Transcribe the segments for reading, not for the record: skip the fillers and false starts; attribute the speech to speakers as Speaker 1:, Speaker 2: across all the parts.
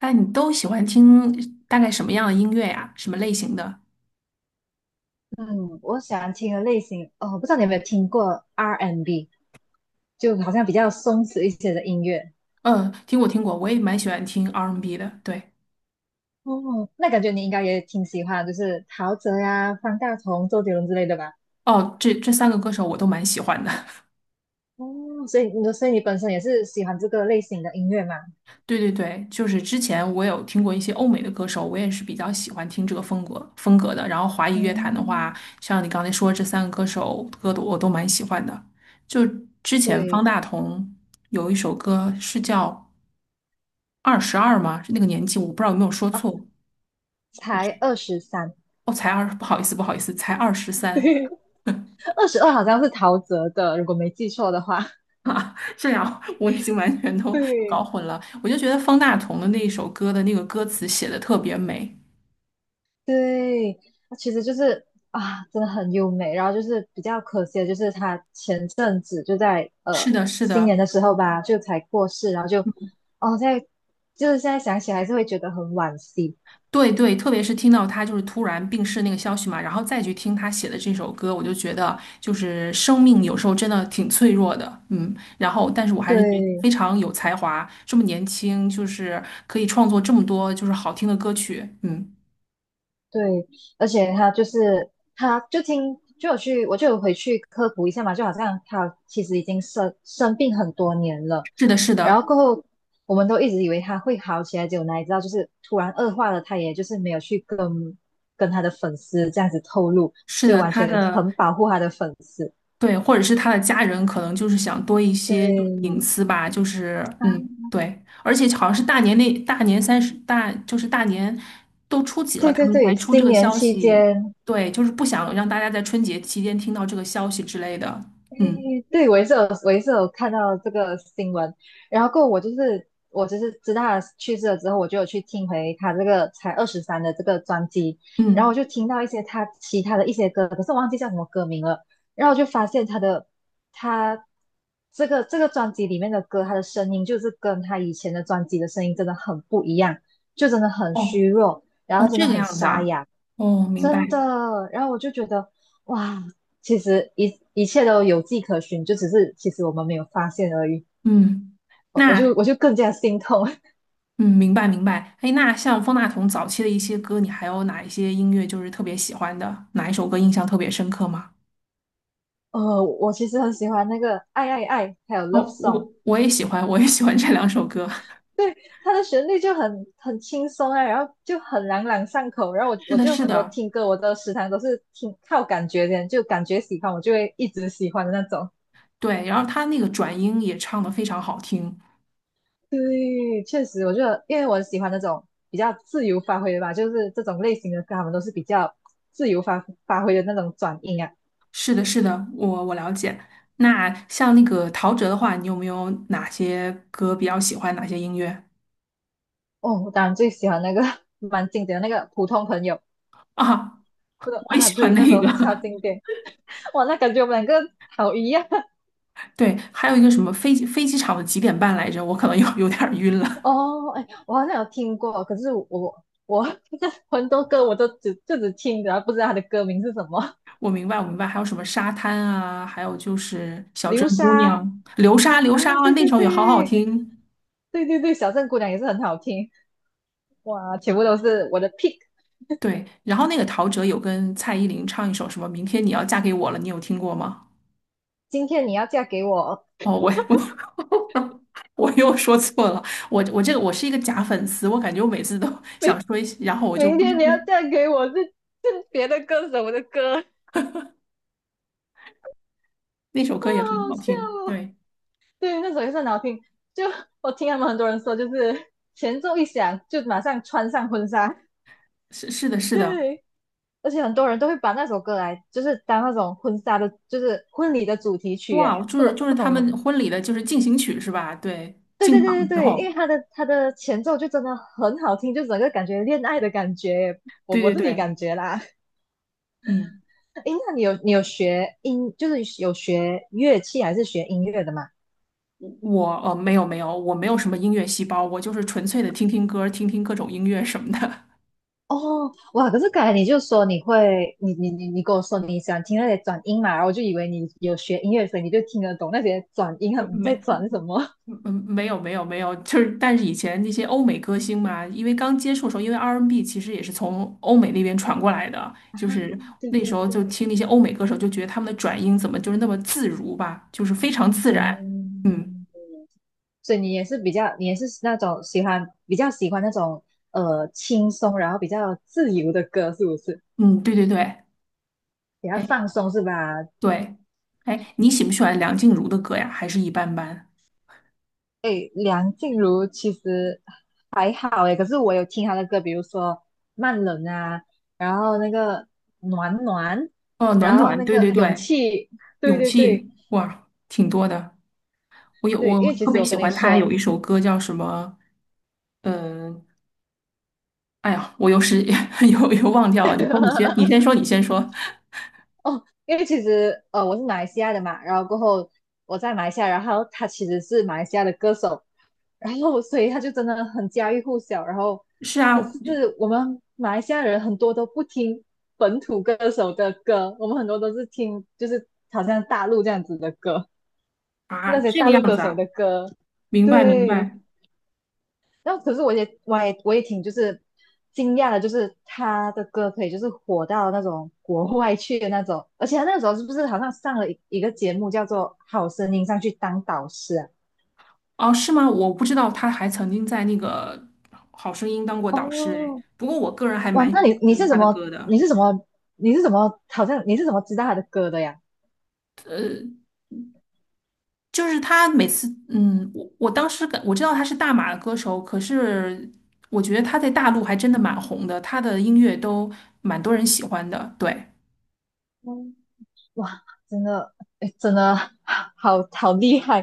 Speaker 1: 那你都喜欢听大概什么样的音乐呀？什么类型的？
Speaker 2: 嗯，我喜欢听的类型，哦，我不知道你有没有听过 R&B，就好像比较松弛一些的音乐。
Speaker 1: 嗯，听过听过，我也蛮喜欢听 R&B 的。对，
Speaker 2: 哦，那感觉你应该也挺喜欢，就是陶喆呀、方大同、周杰伦之类的吧？
Speaker 1: 哦，这三个歌手我都蛮喜欢的。
Speaker 2: 哦，所以你本身也是喜欢这个类型的音乐嘛？
Speaker 1: 对对对，就是之前我有听过一些欧美的歌手，我也是比较喜欢听这个风格的。然后华语乐坛的话，
Speaker 2: 嗯，
Speaker 1: 像你刚才说这三个歌手歌的我都蛮喜欢的。就之前方
Speaker 2: 对，
Speaker 1: 大同有一首歌是叫《二十二》吗？是那个年纪，我不知道有没有说
Speaker 2: 哦，
Speaker 1: 错。我
Speaker 2: 才
Speaker 1: 是
Speaker 2: 二十三，
Speaker 1: 哦，不好意思，不好意思，才二十三。
Speaker 2: 二十二好像是陶喆的，如果没记错的话。
Speaker 1: 这样我已经完全都搞
Speaker 2: 对，
Speaker 1: 混了。我就觉得方大同的那一首歌的那个歌词写的特别美。
Speaker 2: 对，它其实就是啊，真的很优美。然后就是比较可惜的，就是他前阵子就在
Speaker 1: 是的，是
Speaker 2: 新年
Speaker 1: 的，
Speaker 2: 的时候吧，就才过世。然后就哦，在就是现在想起来还是会觉得很惋惜。
Speaker 1: 对对，特别是听到他就是突然病逝那个消息嘛，然后再去听他写的这首歌，我就觉得就是生命有时候真的挺脆弱的，嗯。然后，但是我还是觉得非
Speaker 2: 对，
Speaker 1: 常有才华，这么年轻，就是可以创作这么多就是好听的歌曲，嗯。
Speaker 2: 对，而且他就是，他就听，就有去，我就有回去科普一下嘛，就好像他其实已经生病很多年了，
Speaker 1: 是的，是
Speaker 2: 然
Speaker 1: 的，
Speaker 2: 后过后我们都一直以为他会好起来，结果哪里知道就是突然恶化了，他也就是没有去跟他的粉丝这样子透露，
Speaker 1: 是
Speaker 2: 就
Speaker 1: 的，
Speaker 2: 完
Speaker 1: 他
Speaker 2: 全
Speaker 1: 的。
Speaker 2: 很保护他的粉丝。
Speaker 1: 对，或者是他的家人可能就是想多一些就是隐
Speaker 2: 对，
Speaker 1: 私吧，就是嗯，
Speaker 2: 啊，
Speaker 1: 对，而且好像是大年三十就是大年都初几了，
Speaker 2: 对
Speaker 1: 他
Speaker 2: 对
Speaker 1: 们才
Speaker 2: 对，
Speaker 1: 出这
Speaker 2: 新
Speaker 1: 个
Speaker 2: 年
Speaker 1: 消
Speaker 2: 期
Speaker 1: 息，
Speaker 2: 间。
Speaker 1: 对，就是不想让大家在春节期间听到这个消息之类的，嗯
Speaker 2: 诶，对，我也是有，我也是有看到这个新闻，然后过后我就是知道他去世了之后，我就有去听回他这个才二十三的这个专辑，然后我
Speaker 1: 嗯，
Speaker 2: 就听到一些他其他的一些歌，可是我忘记叫什么歌名了，然后我就发现他的，他这个专辑里面的歌，他的声音就是跟他以前的专辑的声音真的很不一样，就真的很虚
Speaker 1: 哦
Speaker 2: 弱，然
Speaker 1: 哦，
Speaker 2: 后真
Speaker 1: 这
Speaker 2: 的
Speaker 1: 个
Speaker 2: 很
Speaker 1: 样子
Speaker 2: 沙
Speaker 1: 啊，
Speaker 2: 哑，
Speaker 1: 哦，明白，
Speaker 2: 真的，然后我就觉得。哇，其实一切都有迹可循，就只是其实我们没有发现而已。
Speaker 1: 嗯，
Speaker 2: 我我
Speaker 1: 那
Speaker 2: 就我就更加心痛。
Speaker 1: 嗯，明白明白，哎，那像方大同早期的一些歌，你还有哪一些音乐就是特别喜欢的，哪一首歌印象特别深刻吗？
Speaker 2: 我其实很喜欢那个《爱爱爱》还有《Love
Speaker 1: 哦，我
Speaker 2: Song》，
Speaker 1: 我也喜欢，我也喜欢这两首歌。
Speaker 2: 对，它的旋律就很轻松啊，然后就很朗朗上口。然后 我
Speaker 1: 是
Speaker 2: 我
Speaker 1: 的，
Speaker 2: 就
Speaker 1: 是
Speaker 2: 很多
Speaker 1: 的，
Speaker 2: 听歌，我的时常都是听靠感觉的，就感觉喜欢我就会一直喜欢的那种。
Speaker 1: 对。然后他那个转音也唱的非常好听。
Speaker 2: 对，确实，我觉得因为我喜欢那种比较自由发挥的吧，就是这种类型的歌，他们都是比较自由发挥的那种转音啊。
Speaker 1: 是的，是的，我了解。那像那个陶喆的话，你有没有哪些歌比较喜欢？哪些音乐
Speaker 2: 哦，我当然最喜欢那个 蛮经典的那个普通朋友。
Speaker 1: 啊？
Speaker 2: 这个
Speaker 1: 我也
Speaker 2: 啊，
Speaker 1: 喜欢
Speaker 2: 对，那时
Speaker 1: 那
Speaker 2: 候超
Speaker 1: 个。
Speaker 2: 经典，哇，那感觉我们两个好一样。
Speaker 1: 对，还有一个什么飞机飞机场的几点半来着？我可能有点儿晕 了。
Speaker 2: 哦。哎，我好像有听过，可是我 很多歌我都只听着，不知道他的歌名是什么。
Speaker 1: 我明白，我明白。还有什么沙滩啊？还有就是小镇
Speaker 2: 流
Speaker 1: 姑
Speaker 2: 沙
Speaker 1: 娘、流沙，流沙
Speaker 2: 啊，
Speaker 1: 啊，
Speaker 2: 对
Speaker 1: 那
Speaker 2: 对
Speaker 1: 首也好好
Speaker 2: 对
Speaker 1: 听。
Speaker 2: 对对对，小镇姑娘也是很好听，哇，全部都是我的 pick。
Speaker 1: 对，然后那个陶喆有跟蔡依林唱一首什么“明天你要嫁给我了”，你有听过吗？
Speaker 2: 今天你要嫁给我，
Speaker 1: 哦，我 我又说错了，我这个我是一个假粉丝，我感觉我每次都想
Speaker 2: 明
Speaker 1: 说一些，然后我就
Speaker 2: 明
Speaker 1: 不知
Speaker 2: 天你
Speaker 1: 不
Speaker 2: 要嫁给我是别的歌手的歌，好
Speaker 1: 那首
Speaker 2: 好
Speaker 1: 歌也很好听。
Speaker 2: 笑哦。
Speaker 1: 对，
Speaker 2: 对，那首也是很好听。就 我听他们很多人说，就是 前奏一响就马上穿上婚纱。
Speaker 1: 是是的，是的，
Speaker 2: 对，而且很多人都会把那首歌来，就是当那种婚纱的，就是婚礼的主题曲。
Speaker 1: 哇，
Speaker 2: 哎，
Speaker 1: 就
Speaker 2: 不
Speaker 1: 是
Speaker 2: 懂
Speaker 1: 就是
Speaker 2: 不
Speaker 1: 他
Speaker 2: 懂
Speaker 1: 们婚礼的就是进行曲是吧？对，
Speaker 2: 对对
Speaker 1: 进
Speaker 2: 对对
Speaker 1: 场之
Speaker 2: 对，因为
Speaker 1: 后，
Speaker 2: 它的前奏就真的很好听，就整个感觉恋爱的感觉。我
Speaker 1: 对
Speaker 2: 我
Speaker 1: 对
Speaker 2: 自己
Speaker 1: 对，
Speaker 2: 感觉啦。
Speaker 1: 嗯，
Speaker 2: 诶，那你有学音，就是有学乐器还是学音乐的吗？
Speaker 1: 我没有没有，我没有什么音乐细胞，我就是纯粹的听听歌，听听各种音乐什么的。
Speaker 2: 哦，哇！可是刚才你就说你会，你跟我说你想听那些转音嘛，然后我就以为你有学音乐，所以你就听得懂那些转音啊，他
Speaker 1: 嗯
Speaker 2: 们在
Speaker 1: 没，
Speaker 2: 转什
Speaker 1: 嗯
Speaker 2: 么。
Speaker 1: 嗯没有没有没有，就是但是以前那些欧美歌星嘛，因为刚接触的时候，因为 R&B N 其实也是从欧美那边传过来的，
Speaker 2: 啊，
Speaker 1: 就是
Speaker 2: 对
Speaker 1: 那时
Speaker 2: 对
Speaker 1: 候就
Speaker 2: 对，
Speaker 1: 听那些欧美歌手，就觉得他们的转音怎么就是那么自如吧，就是非常自然。嗯
Speaker 2: 嗯，所以你也是比较，你也是那种喜欢比较喜欢那种轻松，然后比较自由的歌，是不是？
Speaker 1: 嗯，对对对，
Speaker 2: 比较
Speaker 1: 哎
Speaker 2: 放松是吧？
Speaker 1: 对，哎，你喜不喜欢梁静茹的歌呀？还是一般般？
Speaker 2: 诶，梁静茹其实还好诶，可是我有听她的歌，比如说《慢冷》啊，然后那个《暖暖》，
Speaker 1: 哦，暖
Speaker 2: 然后
Speaker 1: 暖，
Speaker 2: 那
Speaker 1: 对
Speaker 2: 个
Speaker 1: 对
Speaker 2: 《勇
Speaker 1: 对，
Speaker 2: 气》，对
Speaker 1: 勇
Speaker 2: 对对
Speaker 1: 气，哇，挺多的。我有
Speaker 2: 对，因
Speaker 1: 我
Speaker 2: 为其
Speaker 1: 特
Speaker 2: 实
Speaker 1: 别
Speaker 2: 我
Speaker 1: 喜
Speaker 2: 跟你
Speaker 1: 欢她
Speaker 2: 说，
Speaker 1: 有一首歌叫什么？嗯，哎呀，我又是 又忘掉了。你说，你先说，你先说。
Speaker 2: 哦，因为其实我是马来西亚的嘛，然后过后我在马来西亚，然后他其实是马来西亚的歌手，然后所以他就真的很家喻户晓。然后
Speaker 1: 是
Speaker 2: 可
Speaker 1: 啊，
Speaker 2: 是我们马来西亚人很多都不听本土歌手的歌，我们很多都是听就是好像大陆这样子的歌，
Speaker 1: 啊，
Speaker 2: 那些
Speaker 1: 这个
Speaker 2: 大陆
Speaker 1: 样
Speaker 2: 歌
Speaker 1: 子
Speaker 2: 手
Speaker 1: 啊，
Speaker 2: 的歌。
Speaker 1: 明白明
Speaker 2: 对，
Speaker 1: 白。
Speaker 2: 然后可是我也挺就是惊讶的，就是他的歌可以就是火到那种国外去的那种，而且他那时候是不是好像上了一个节目叫做《好声音》上去当导师啊？
Speaker 1: 哦，是吗？我不知道他还曾经在那个《好声音》当过导师哎。
Speaker 2: 哦，
Speaker 1: 不过我个人还
Speaker 2: 哇，
Speaker 1: 蛮
Speaker 2: 那
Speaker 1: 喜
Speaker 2: 你你
Speaker 1: 欢
Speaker 2: 是
Speaker 1: 他
Speaker 2: 怎
Speaker 1: 的
Speaker 2: 么
Speaker 1: 歌的，
Speaker 2: 你是怎么你是怎么好像你是怎么知道他的歌的呀？
Speaker 1: 呃，就是他每次，嗯，我当时我知道他是大马的歌手，可是我觉得他在大陆还真的蛮红的，他的音乐都蛮多人喜欢的。对，
Speaker 2: 嗯，哇，真的，哎，真的好好厉害！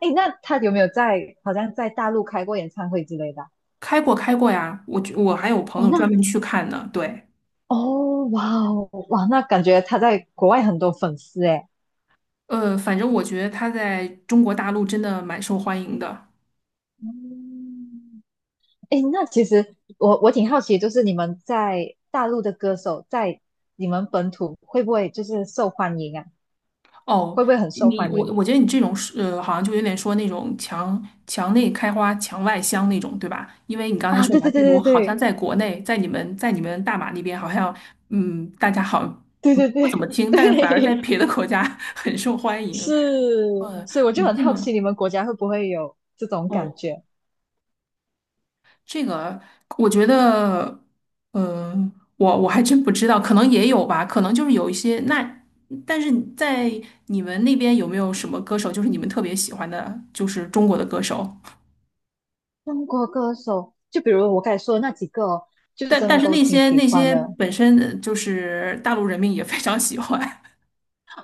Speaker 2: 哎，那他有没有在好像在大陆开过演唱会之类的，
Speaker 1: 开过开过呀，我觉我还有朋
Speaker 2: 啊，哦，
Speaker 1: 友
Speaker 2: 那
Speaker 1: 专门去看呢。对。
Speaker 2: 哦，哇哦，哇，那感觉他在国外很多粉丝哎。
Speaker 1: 反正我觉得他在中国大陆真的蛮受欢迎的。
Speaker 2: 嗯，哎，那其实我挺好奇，就是你们在大陆的歌手在你们本土会不会就是受欢迎啊？
Speaker 1: 哦，
Speaker 2: 会不会很受欢
Speaker 1: 我
Speaker 2: 迎
Speaker 1: 我觉得你这种是好像就有点说那种墙内开花墙外香那种，对吧？因为你刚才
Speaker 2: 啊？
Speaker 1: 说
Speaker 2: 对
Speaker 1: 蓝
Speaker 2: 对
Speaker 1: 静茹
Speaker 2: 对对
Speaker 1: 好像
Speaker 2: 对，
Speaker 1: 在国内，在你们大马那边好像嗯，大家好像
Speaker 2: 对
Speaker 1: 嗯
Speaker 2: 对
Speaker 1: 不怎么
Speaker 2: 对
Speaker 1: 听，但是反而在
Speaker 2: 对，
Speaker 1: 别的国家 很受欢迎。
Speaker 2: 是，所以我就
Speaker 1: 你
Speaker 2: 很
Speaker 1: 这
Speaker 2: 好
Speaker 1: 么
Speaker 2: 奇你们国家会不会有这种感
Speaker 1: 哦。
Speaker 2: 觉？
Speaker 1: 这个我觉得，我还真不知道，可能也有吧，可能就是有一些那，但是在你们那边有没有什么歌手，就是你们特别喜欢的，就是中国的歌手？
Speaker 2: 中国歌手，就比如我刚才说的那几个哦，就
Speaker 1: 但
Speaker 2: 真
Speaker 1: 但
Speaker 2: 的
Speaker 1: 是
Speaker 2: 都
Speaker 1: 那
Speaker 2: 挺
Speaker 1: 些
Speaker 2: 喜
Speaker 1: 那
Speaker 2: 欢
Speaker 1: 些
Speaker 2: 的。
Speaker 1: 本身就是大陆人民也非常喜欢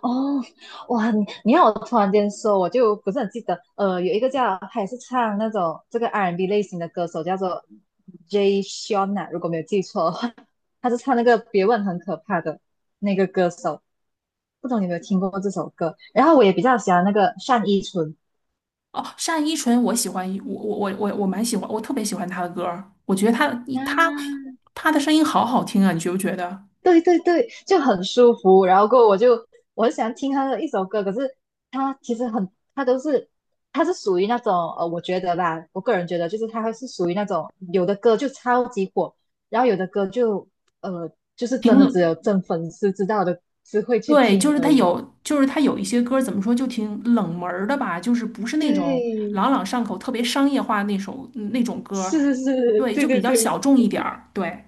Speaker 2: 哦，哇，你你让我突然间说，我就不是很记得。呃，有一个叫他也是唱那种这个 R&B 类型的歌手，叫做 Jay Sean 啊，如果没有记错的话，他是唱那个《别问很可怕》的那个歌手。不懂你有没有听过这首歌？然后我也比较喜欢那个单依纯，
Speaker 1: 哦，单依纯我喜欢我蛮喜欢，我特别喜欢她的歌儿我觉得她她
Speaker 2: 啊，
Speaker 1: 她的声音好好听啊，你觉不觉得？
Speaker 2: 对对对，就很舒服。然后过后我就，我很喜欢听他的一首歌，可是他其实很，他都是，他是属于那种，我觉得吧，我个人觉得就是他还是属于那种有的歌就超级火，然后有的歌就呃就是
Speaker 1: 评
Speaker 2: 真的只有
Speaker 1: 论
Speaker 2: 真粉丝知道的，只会去
Speaker 1: 对，
Speaker 2: 听而已。
Speaker 1: 就是他有一些歌儿怎么说，就挺冷门儿的吧，就是不是那种
Speaker 2: 对，
Speaker 1: 朗朗上口、特别商业化那首那种歌儿
Speaker 2: 是是是，
Speaker 1: 对，
Speaker 2: 对
Speaker 1: 就比
Speaker 2: 对
Speaker 1: 较小
Speaker 2: 对，
Speaker 1: 众一点儿。对，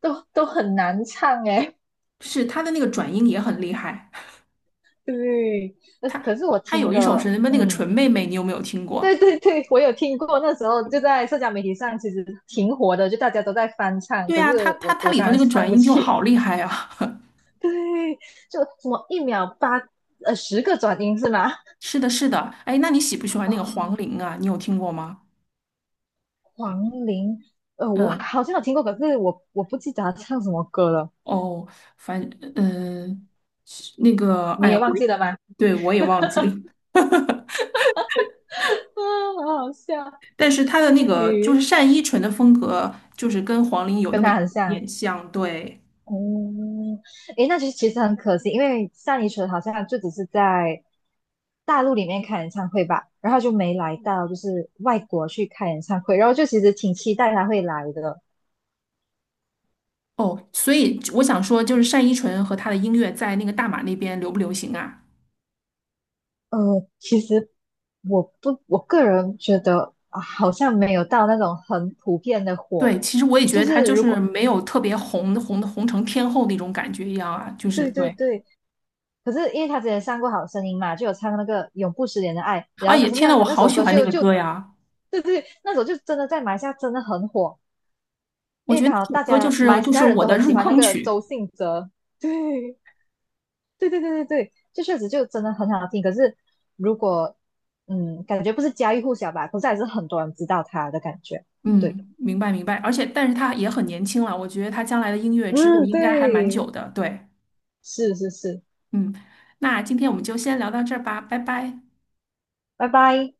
Speaker 2: 都很难唱诶。
Speaker 1: 是他的那个转音也很厉害。
Speaker 2: 对，呃可是我
Speaker 1: 他
Speaker 2: 听
Speaker 1: 有一首
Speaker 2: 的，
Speaker 1: 是什么那个纯
Speaker 2: 嗯，
Speaker 1: 妹妹，你有没有听
Speaker 2: 对
Speaker 1: 过？
Speaker 2: 对对，我有听过，那时候就在社交媒体上，其实挺火的，就大家都在翻唱，
Speaker 1: 对
Speaker 2: 可是
Speaker 1: 呀、他他
Speaker 2: 我
Speaker 1: 他
Speaker 2: 我
Speaker 1: 里
Speaker 2: 当
Speaker 1: 头
Speaker 2: 然
Speaker 1: 那个
Speaker 2: 唱
Speaker 1: 转
Speaker 2: 不
Speaker 1: 音就
Speaker 2: 起。
Speaker 1: 好厉害啊！
Speaker 2: 对，就什么一秒八十个转音是吗？
Speaker 1: 是的，是的。哎，那你喜不喜欢那个黄
Speaker 2: 啊、
Speaker 1: 龄啊？你有听过吗？
Speaker 2: 黄龄，呃，我
Speaker 1: 嗯，
Speaker 2: 好像有听过，可是我不记得他唱什么歌了，
Speaker 1: 哦，反那个，
Speaker 2: 你
Speaker 1: 哎
Speaker 2: 也
Speaker 1: 呀，
Speaker 2: 忘记了吗？
Speaker 1: 对我也忘记了。
Speaker 2: 啊，好好笑，
Speaker 1: 但是他的
Speaker 2: 哎，
Speaker 1: 那个就是单依纯的风格，就是跟黄龄有那
Speaker 2: 跟
Speaker 1: 么一
Speaker 2: 他
Speaker 1: 点
Speaker 2: 很像。
Speaker 1: 点像，对。
Speaker 2: 哦，诶，那就其实很可惜，因为像你说的好像就只是在大陆里面开演唱会吧，然后就没来到就是外国去开演唱会，然后就其实挺期待他会来的。
Speaker 1: 哦，所以我想说，就是单依纯和他的音乐在那个大马那边流不流行啊？
Speaker 2: 呃，其实我不，我个人觉得啊，好像没有到那种很普遍的火，
Speaker 1: 对，其实我也觉
Speaker 2: 就
Speaker 1: 得他
Speaker 2: 是
Speaker 1: 就
Speaker 2: 如
Speaker 1: 是
Speaker 2: 果
Speaker 1: 没有特别红红红成天后那种感觉一样啊，就是
Speaker 2: 对对
Speaker 1: 对。
Speaker 2: 对。可是因为他之前上过《好声音》嘛，就有唱那个《永不失联的爱》，然
Speaker 1: 啊
Speaker 2: 后可
Speaker 1: 也，
Speaker 2: 是
Speaker 1: 天
Speaker 2: 那
Speaker 1: 呐，我
Speaker 2: 那
Speaker 1: 好
Speaker 2: 首
Speaker 1: 喜
Speaker 2: 歌
Speaker 1: 欢那
Speaker 2: 就
Speaker 1: 个
Speaker 2: 就，
Speaker 1: 歌呀！
Speaker 2: 对对，那首就真的在马来西亚真的很火，
Speaker 1: 我
Speaker 2: 因
Speaker 1: 觉
Speaker 2: 为
Speaker 1: 得
Speaker 2: 刚
Speaker 1: 那
Speaker 2: 好
Speaker 1: 首
Speaker 2: 大
Speaker 1: 歌就
Speaker 2: 家
Speaker 1: 是
Speaker 2: 马来
Speaker 1: 就
Speaker 2: 西
Speaker 1: 是
Speaker 2: 亚人
Speaker 1: 我
Speaker 2: 都
Speaker 1: 的
Speaker 2: 很喜
Speaker 1: 入
Speaker 2: 欢那
Speaker 1: 坑
Speaker 2: 个
Speaker 1: 曲。
Speaker 2: 周信哲，对对对对对对，就确实就真的很好听。可是如果嗯，感觉不是家喻户晓吧，可是还是很多人知道他的感觉。对，
Speaker 1: 嗯，明白明白。而且，但是他也很年轻了，我觉得他将来的音乐之路
Speaker 2: 嗯，
Speaker 1: 应该还蛮
Speaker 2: 对，
Speaker 1: 久的。对。
Speaker 2: 是是是，
Speaker 1: 嗯，那今天我们就先聊到这儿吧，拜拜。
Speaker 2: 拜拜。